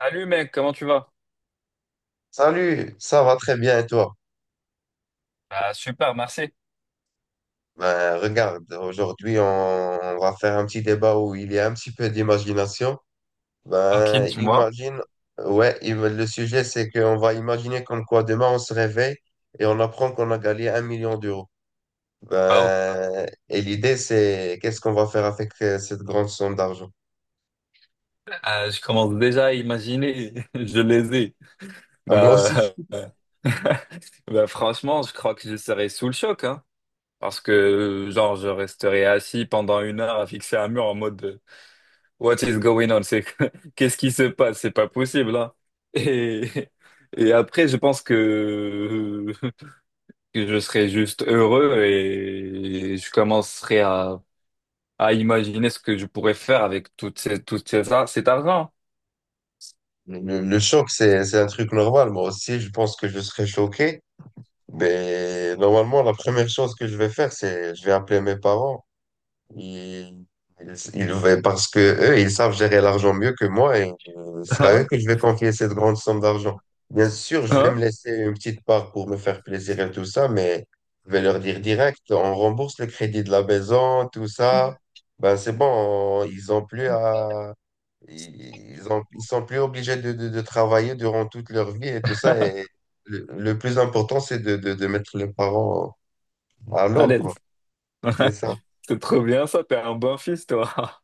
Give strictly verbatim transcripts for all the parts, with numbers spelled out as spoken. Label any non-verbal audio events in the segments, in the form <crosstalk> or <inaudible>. Salut mec, comment tu vas? Salut, ça va très bien et toi? Bah, super, merci. Ben, regarde, aujourd'hui on, on va faire un petit débat où il y a un petit peu d'imagination. Tranquille, Ben, tu vois? imagine, ouais, im- le sujet c'est qu'on va imaginer comme quoi demain on se réveille et on apprend qu'on a gagné un million d'euros. Bah, oh. Ben, et l'idée c'est qu'est-ce qu'on va faire avec euh, cette grande somme d'argent? Euh, je commence déjà à imaginer, <laughs> je les ai. Ah, moi Bah, aussi, euh, <laughs> bah, Franchement, je crois que je serais sous le choc, hein, parce que genre je resterai assis pendant une heure à fixer un mur en mode euh, What is going on? C'est <laughs> qu'est-ce qui se passe? C'est pas possible, hein. Et, <laughs> et après, je pense que, <laughs> que je serais juste heureux et je commencerai à à imaginer ce que je pourrais faire avec tout ces, tout ces, ar- cet argent. le, le choc c'est c'est un truc normal. Moi aussi, je pense que je serais choqué. Mais normalement, la première chose que je vais faire, c'est je vais appeler mes parents. Ils, ils, ils veulent- Parce que eux, ils savent gérer l'argent mieux que moi et euh, c'est à eux Hein? que je vais confier cette grande somme d'argent. Bien sûr, je vais me Hein? laisser une petite part pour me faire plaisir et tout ça, mais je vais leur dire direct, on rembourse le crédit de la maison, tout ça. Ben, c'est bon, on- ils ont plus à, ils ont, ils sont plus obligés de, de, de travailler durant toute leur vie et tout ça. Et le, le plus important, c'est de, de, de mettre les parents à À l'aube, l'aise. quoi. C'est <laughs> ça. C'est trop bien ça, t'es un bon fils, toi.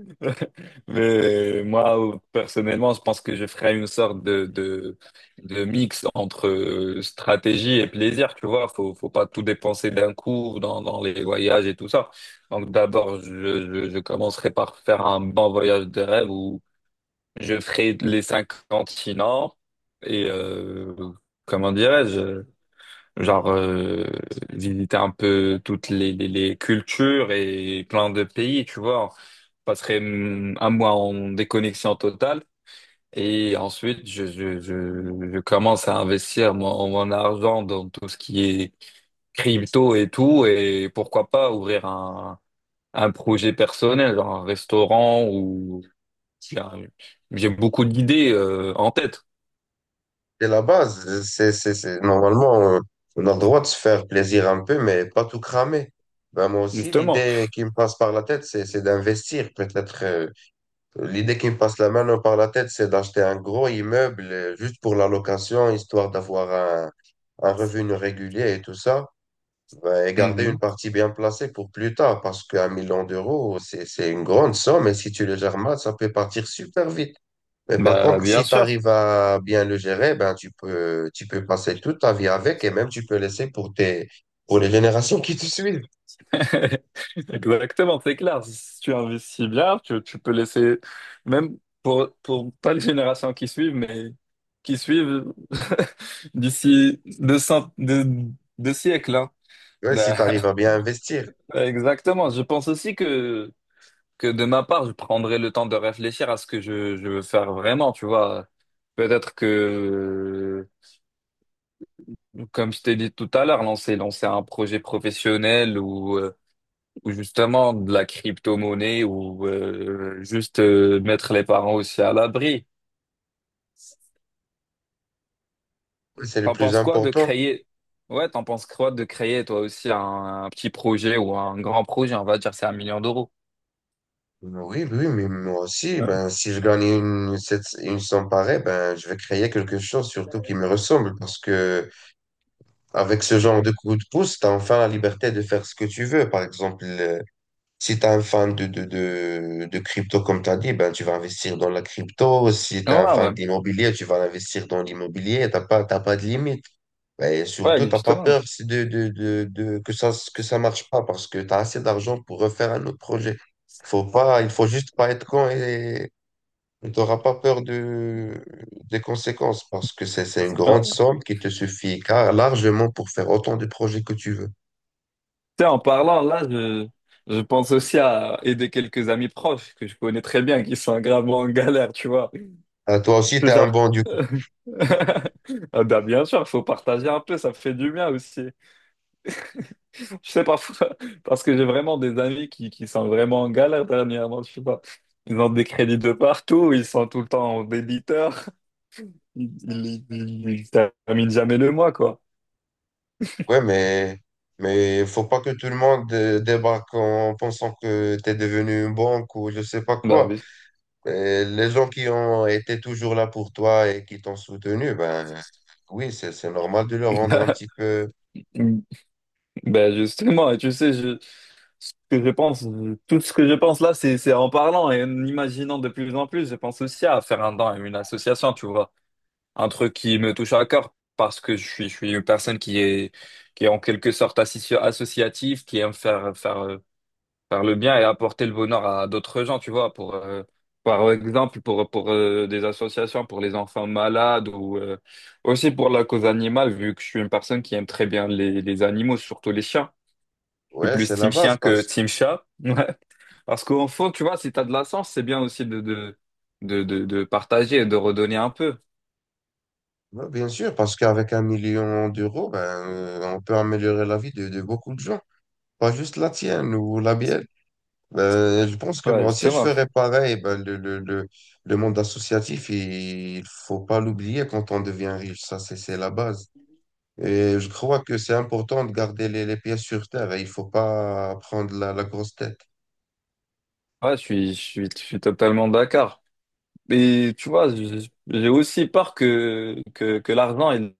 <laughs> Mais moi, personnellement, je pense que je ferais une sorte de, de, de mix entre euh, stratégie et plaisir, tu vois. Faut, faut pas tout dépenser d'un coup dans, dans les voyages et tout ça. Donc d'abord, je, je, je commencerai par faire un bon voyage de rêve où je ferai les cinq continents et euh, comment dirais-je, genre euh, visiter un peu toutes les, les, les cultures et plein de pays, tu vois. Je passerai hum, un mois en déconnexion totale et ensuite je, je, je, je commence à investir mon, mon argent dans tout ce qui est crypto et tout et pourquoi pas ouvrir un, un projet personnel, genre un restaurant. j'ai j'ai beaucoup d'idées euh, en tête, C'est la base. C'est, c'est, c'est... Normalement, euh, on a le droit de se faire plaisir un peu, mais pas tout cramer. Ben, moi aussi, justement. l'idée qui me passe par la tête, c'est, c'est d'investir. Peut-être, euh, l'idée qui me passe la main par la tête, c'est d'acheter un gros immeuble euh, juste pour la location, histoire d'avoir un, un revenu régulier et tout ça. Ben, et garder une Mhm. partie bien placée pour plus tard, parce qu'un million d'euros, c'est, c'est une grande somme, et si tu le gères mal, ça peut partir super vite. Mais par Bah, contre, bien si tu sûr. arrives à bien le gérer, ben tu peux, tu peux passer toute ta vie avec et même tu peux laisser pour tes, pour les générations qui te suivent. <laughs> Exactement, c'est clair. Si tu investis bien, tu, tu peux laisser, même pour, pour pas les générations qui suivent, mais qui suivent <laughs> d'ici deux, cent- deux, deux siècles, hein. Ouais, si Bah, tu arrives à bien investir, <laughs> exactement. Je pense aussi que, que de ma part, je prendrai le temps de réfléchir à ce que je, je veux faire vraiment, tu vois. Peut-être que comme je t'ai dit tout à l'heure, lancer, lancer un projet professionnel ou, euh, ou justement de la crypto-monnaie ou euh, juste euh, mettre les parents aussi à l'abri. ouais, c'est le T'en plus penses quoi de important. créer? Ouais, t'en penses quoi de créer toi aussi un, un petit projet ou un grand projet, on va dire, c'est un million d'euros. Oui, oui, mais moi aussi, Ouais, ben si je gagne une, cette- une somme pareille, ben je vais créer quelque chose surtout qui me ressemble parce que avec ce genre de coup de pouce, tu as enfin la liberté de faire ce que tu veux. Par exemple, euh, si tu es un fan de, de, de, de crypto, comme tu as dit, ben, tu vas investir dans la crypto. Si tu es un ouais, fan ouais. d'immobilier, tu vas investir dans l'immobilier. T'as pas, t'as pas de limite. Et Ouais, surtout, t'as pas justement. peur si de, de, de, de, que ça, que ça marche pas parce que tu as assez d'argent pour refaire un autre projet. Faut pas, il faut juste pas être con et tu n'auras pas peur de, des conséquences parce que c'est, c'est une Ah, grande somme qui te suffit car largement pour faire autant de projets que tu veux. tu sais, en parlant là, je, je pense aussi à aider quelques amis proches que je connais très bien qui sont gravement en galère, tu vois. Ah, toi aussi, tu C'est es un genre bon du coup. <laughs> ah bah bien sûr, il faut partager un peu, ça fait du bien aussi. Je sais parfois, <laughs> parce que j'ai vraiment des amis qui, qui sont vraiment en galère dernièrement, je sais pas. Ils ont des crédits de partout, ils sont tout le temps en débiteur, ils, ils, ils- ils terminent jamais le mois, quoi. Ouais, mais mais faut pas que tout le monde euh, débarque en pensant que tu es devenu une banque ou je sais pas Bah, quoi. mais- Euh, les gens qui ont été toujours là pour toi et qui t'ont soutenu, ben oui, c'est c'est normal de leur rendre un petit <laughs> peu. bah justement, et tu sais, je, ce que je pense, euh, tout ce que je pense là, c'est c'est en parlant et en imaginant de plus en plus, je pense aussi à faire un don à une association, tu vois. Un truc qui me touche à cœur parce que je suis, je suis une personne qui est, qui est en quelque sorte associ- associative, qui aime faire, faire, euh, faire le bien et apporter le bonheur à d'autres gens, tu vois, pour, euh, par exemple, pour, pour euh, des associations, pour les enfants malades ou euh, aussi pour la cause animale, vu que je suis une personne qui aime très bien les, les animaux, surtout les chiens. Je suis Ouais, plus c'est la team base chien que parce team chat. <laughs> Ouais. Parce qu'au fond, tu vois, si t'as de la chance, c'est bien aussi de, de, de, de, de partager et de redonner un peu. ouais, bien sûr parce qu'avec un million d'euros, ben euh, on peut améliorer la vie de, de beaucoup de gens, pas juste la tienne ou la mienne. Euh, je pense que Ouais, moi aussi, je justement. ferais pareil. Ben, le, le, le, le monde associatif, il il faut pas l'oublier quand on devient riche. Ça, c'est, c'est la base. Et je crois que c'est important de garder les, les pieds sur terre et il faut pas prendre la, la grosse tête. Ouais, je suis, je suis, je suis totalement d'accord. Mais tu vois, je- j'ai aussi peur que, que, que l'argent, elle,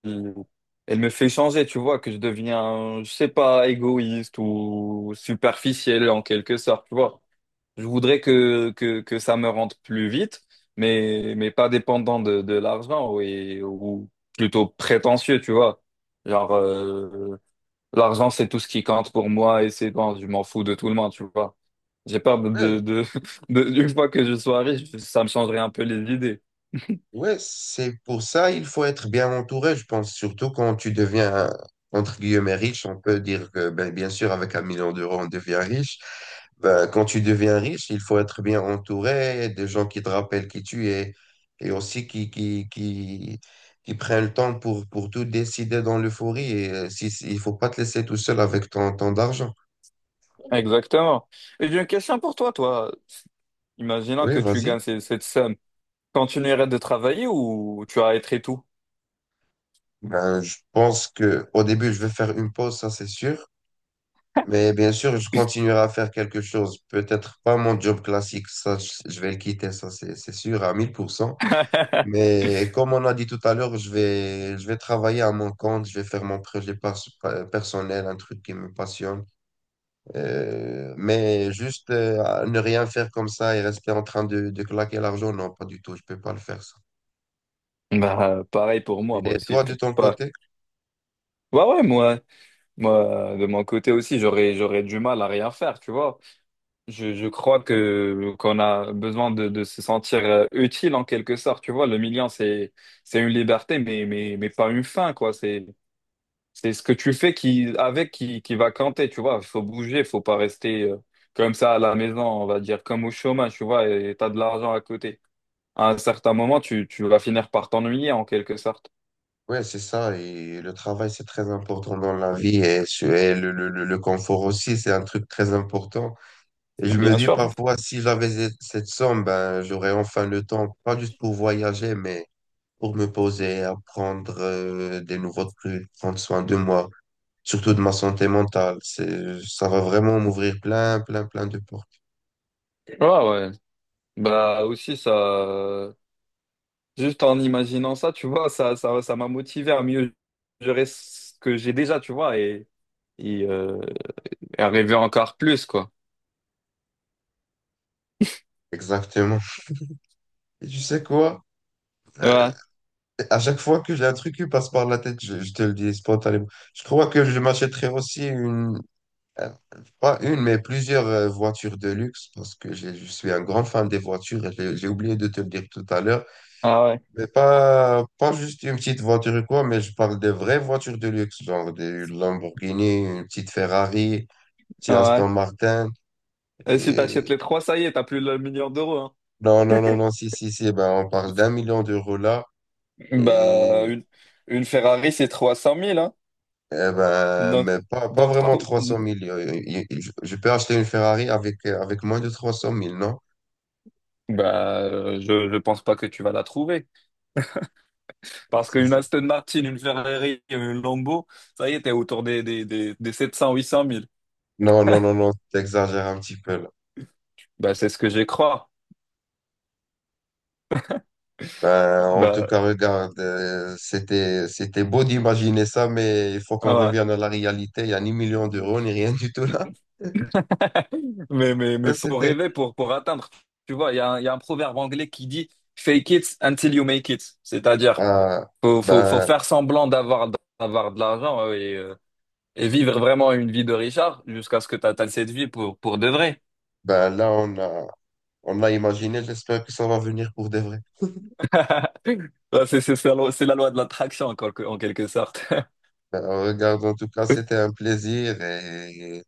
elle me fait changer, tu vois, que je deviens, je sais pas, égoïste ou superficiel en quelque sorte, tu vois. Je voudrais que, que, que ça me rentre plus vite, mais, mais pas dépendant de, de l'argent et, ou plutôt prétentieux, tu vois. Genre, euh, l'argent, c'est tout ce qui compte pour moi et c'est bon, je m'en fous de tout le monde, tu vois. J'ai peur de, de, de, <laughs> de- une fois que je sois riche, ça me changerait un peu les idées. Ouais, c'est pour ça il faut être bien entouré, je pense, surtout quand tu deviens, entre guillemets, riche. On peut dire que, ben, bien sûr, avec un million d'euros, on devient riche. Ben, quand tu deviens riche, il faut être bien entouré des gens qui te rappellent qui tu es et aussi qui, qui, qui, qui prennent le temps pour, pour tout décider dans l'euphorie. Et euh, si, si- il faut pas te laisser tout seul avec ton, ton d'argent. Exactement. Et j'ai une question pour toi, toi. Imaginons Oui, que tu gagnes vas-y. ces- cette somme. Continuerais de travailler ou tu arrêterais tout? Ben, je pense que au début, je vais faire une pause, ça c'est sûr. Mais bien sûr, je continuerai à faire quelque chose. Peut-être pas mon job classique, ça, je je vais le quitter, ça, c'est c'est sûr, à mille pour cent. <laughs> Mais comme on a dit tout à l'heure, je vais, je vais travailler à mon compte, je vais faire mon projet pers- personnel, un truc qui me passionne. Euh, mais juste euh, à ne rien faire comme ça et rester en train de, de claquer l'argent, non, pas du tout, je peux pas le faire, ça. Bah, pareil pour moi, moi Et aussi, je toi, de peux ton pas. côté? Bah ouais, moi, moi, de mon côté aussi, j'aurais, j'aurais du mal à rien faire, tu vois. Je, je crois que qu'on a besoin de, de se sentir euh, utile en quelque sorte, tu vois. Le million, c'est, c'est une liberté, mais, mais, mais pas une fin, quoi. C'est, C'est ce que tu fais qui, avec qui, qui va compter, tu vois. Il faut bouger, faut pas rester euh, comme ça à la maison, on va dire, comme au chômage, tu vois, et t'as de l'argent à côté. À un certain moment, tu, tu vas finir par t'ennuyer en quelque sorte. Oui, c'est ça. Et le travail, c'est très important dans la vie et, su- et le, le, le le confort aussi, c'est un truc très important. Et je me Bien dis sûr. parfois, si j'avais cette cette somme, ben, j'aurais enfin le temps, pas juste pour voyager, mais pour me poser, apprendre euh, des nouveaux trucs, prendre soin de moi, surtout de ma santé mentale. C'est, ça va vraiment m'ouvrir plein, plein, plein de portes. Ouais, ouais. Bah aussi, ça, euh, juste en imaginant ça, tu vois, ça, ça, ça m'a motivé à mieux gérer ce que j'ai déjà, tu vois, et, et, euh, et arriver encore plus, quoi. Exactement. Et tu sais quoi? Euh, Ouais, à chaque fois que j'ai un truc qui passe par la tête, je, je te le dis spontanément, je crois que je m'achèterais aussi une, euh, pas une, mais plusieurs euh, voitures de luxe, parce que j'ai- je suis un grand fan des voitures. Et J'ai j'ai oublié de te le dire tout à l'heure. ah ouais, Mais pas, pas juste une petite voiture ou quoi, mais je parle des vraies voitures de luxe, genre des Lamborghini, une petite Ferrari, une petite ah Aston Martin. ouais. Et si t'achètes Et... les trois, ça y est, t'as plus le million d'euros, hein. non, non, non, <laughs> non, si, si, si, ben, on parle d'un million d'euros là. Bah, Et une, une Ferrari, c'est trois cent mille, hein. eh ben, Donc, mais pas, pas donc Ah, vraiment trop- trois cent mille. Euh, il- il- Je, je peux acheter une Ferrari avec, euh, avec moins de trois cent mille non? bah, euh, je ne pense pas que tu vas la trouver. Parce Si, qu'une si, Aston Martin, une Ferrari, une Lambo, ça y est, t'es autour des, des, des, des sept cents, huit cent mille. non, non, non, non, t'exagères un petit peu là. Bah, c'est ce que j'ai crois. Ben, en tout Bah, cas, regarde, euh, c'était, c'était beau d'imaginer ça, mais il faut qu'on ah revienne à la réalité. Il n'y a ni million d'euros, ni rien du tout là. ouais. <laughs> Mais, mais, mais Ben, faut c'était, rêver pour, pour atteindre. Tu vois, il y a, un- il y a un proverbe anglais qui dit fake it until you make it. C'est-à-dire, ah, faut, faut, faut ben, faire semblant d'avoir, d'avoir de l'argent. Oui, euh, et vivre vraiment une vie de Richard jusqu'à ce que tu atteignes cette vie pour, pour de vrai. ben, là, on a, on a imaginé. J'espère que ça va venir pour de vrai. <laughs> Ouais, C'est c'est- c'est la loi, c'est la loi de l'attraction en quelque, en quelque sorte. <laughs> Ben, regarde, en tout cas, c'était un plaisir et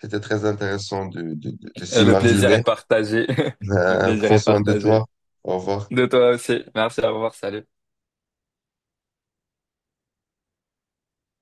c'était très intéressant de, de, de, de Et le plaisir est s'imaginer. partagé. <laughs> Le Ben, plaisir prends est soin de partagé. toi. Au revoir. De toi aussi. Merci, au revoir, salut.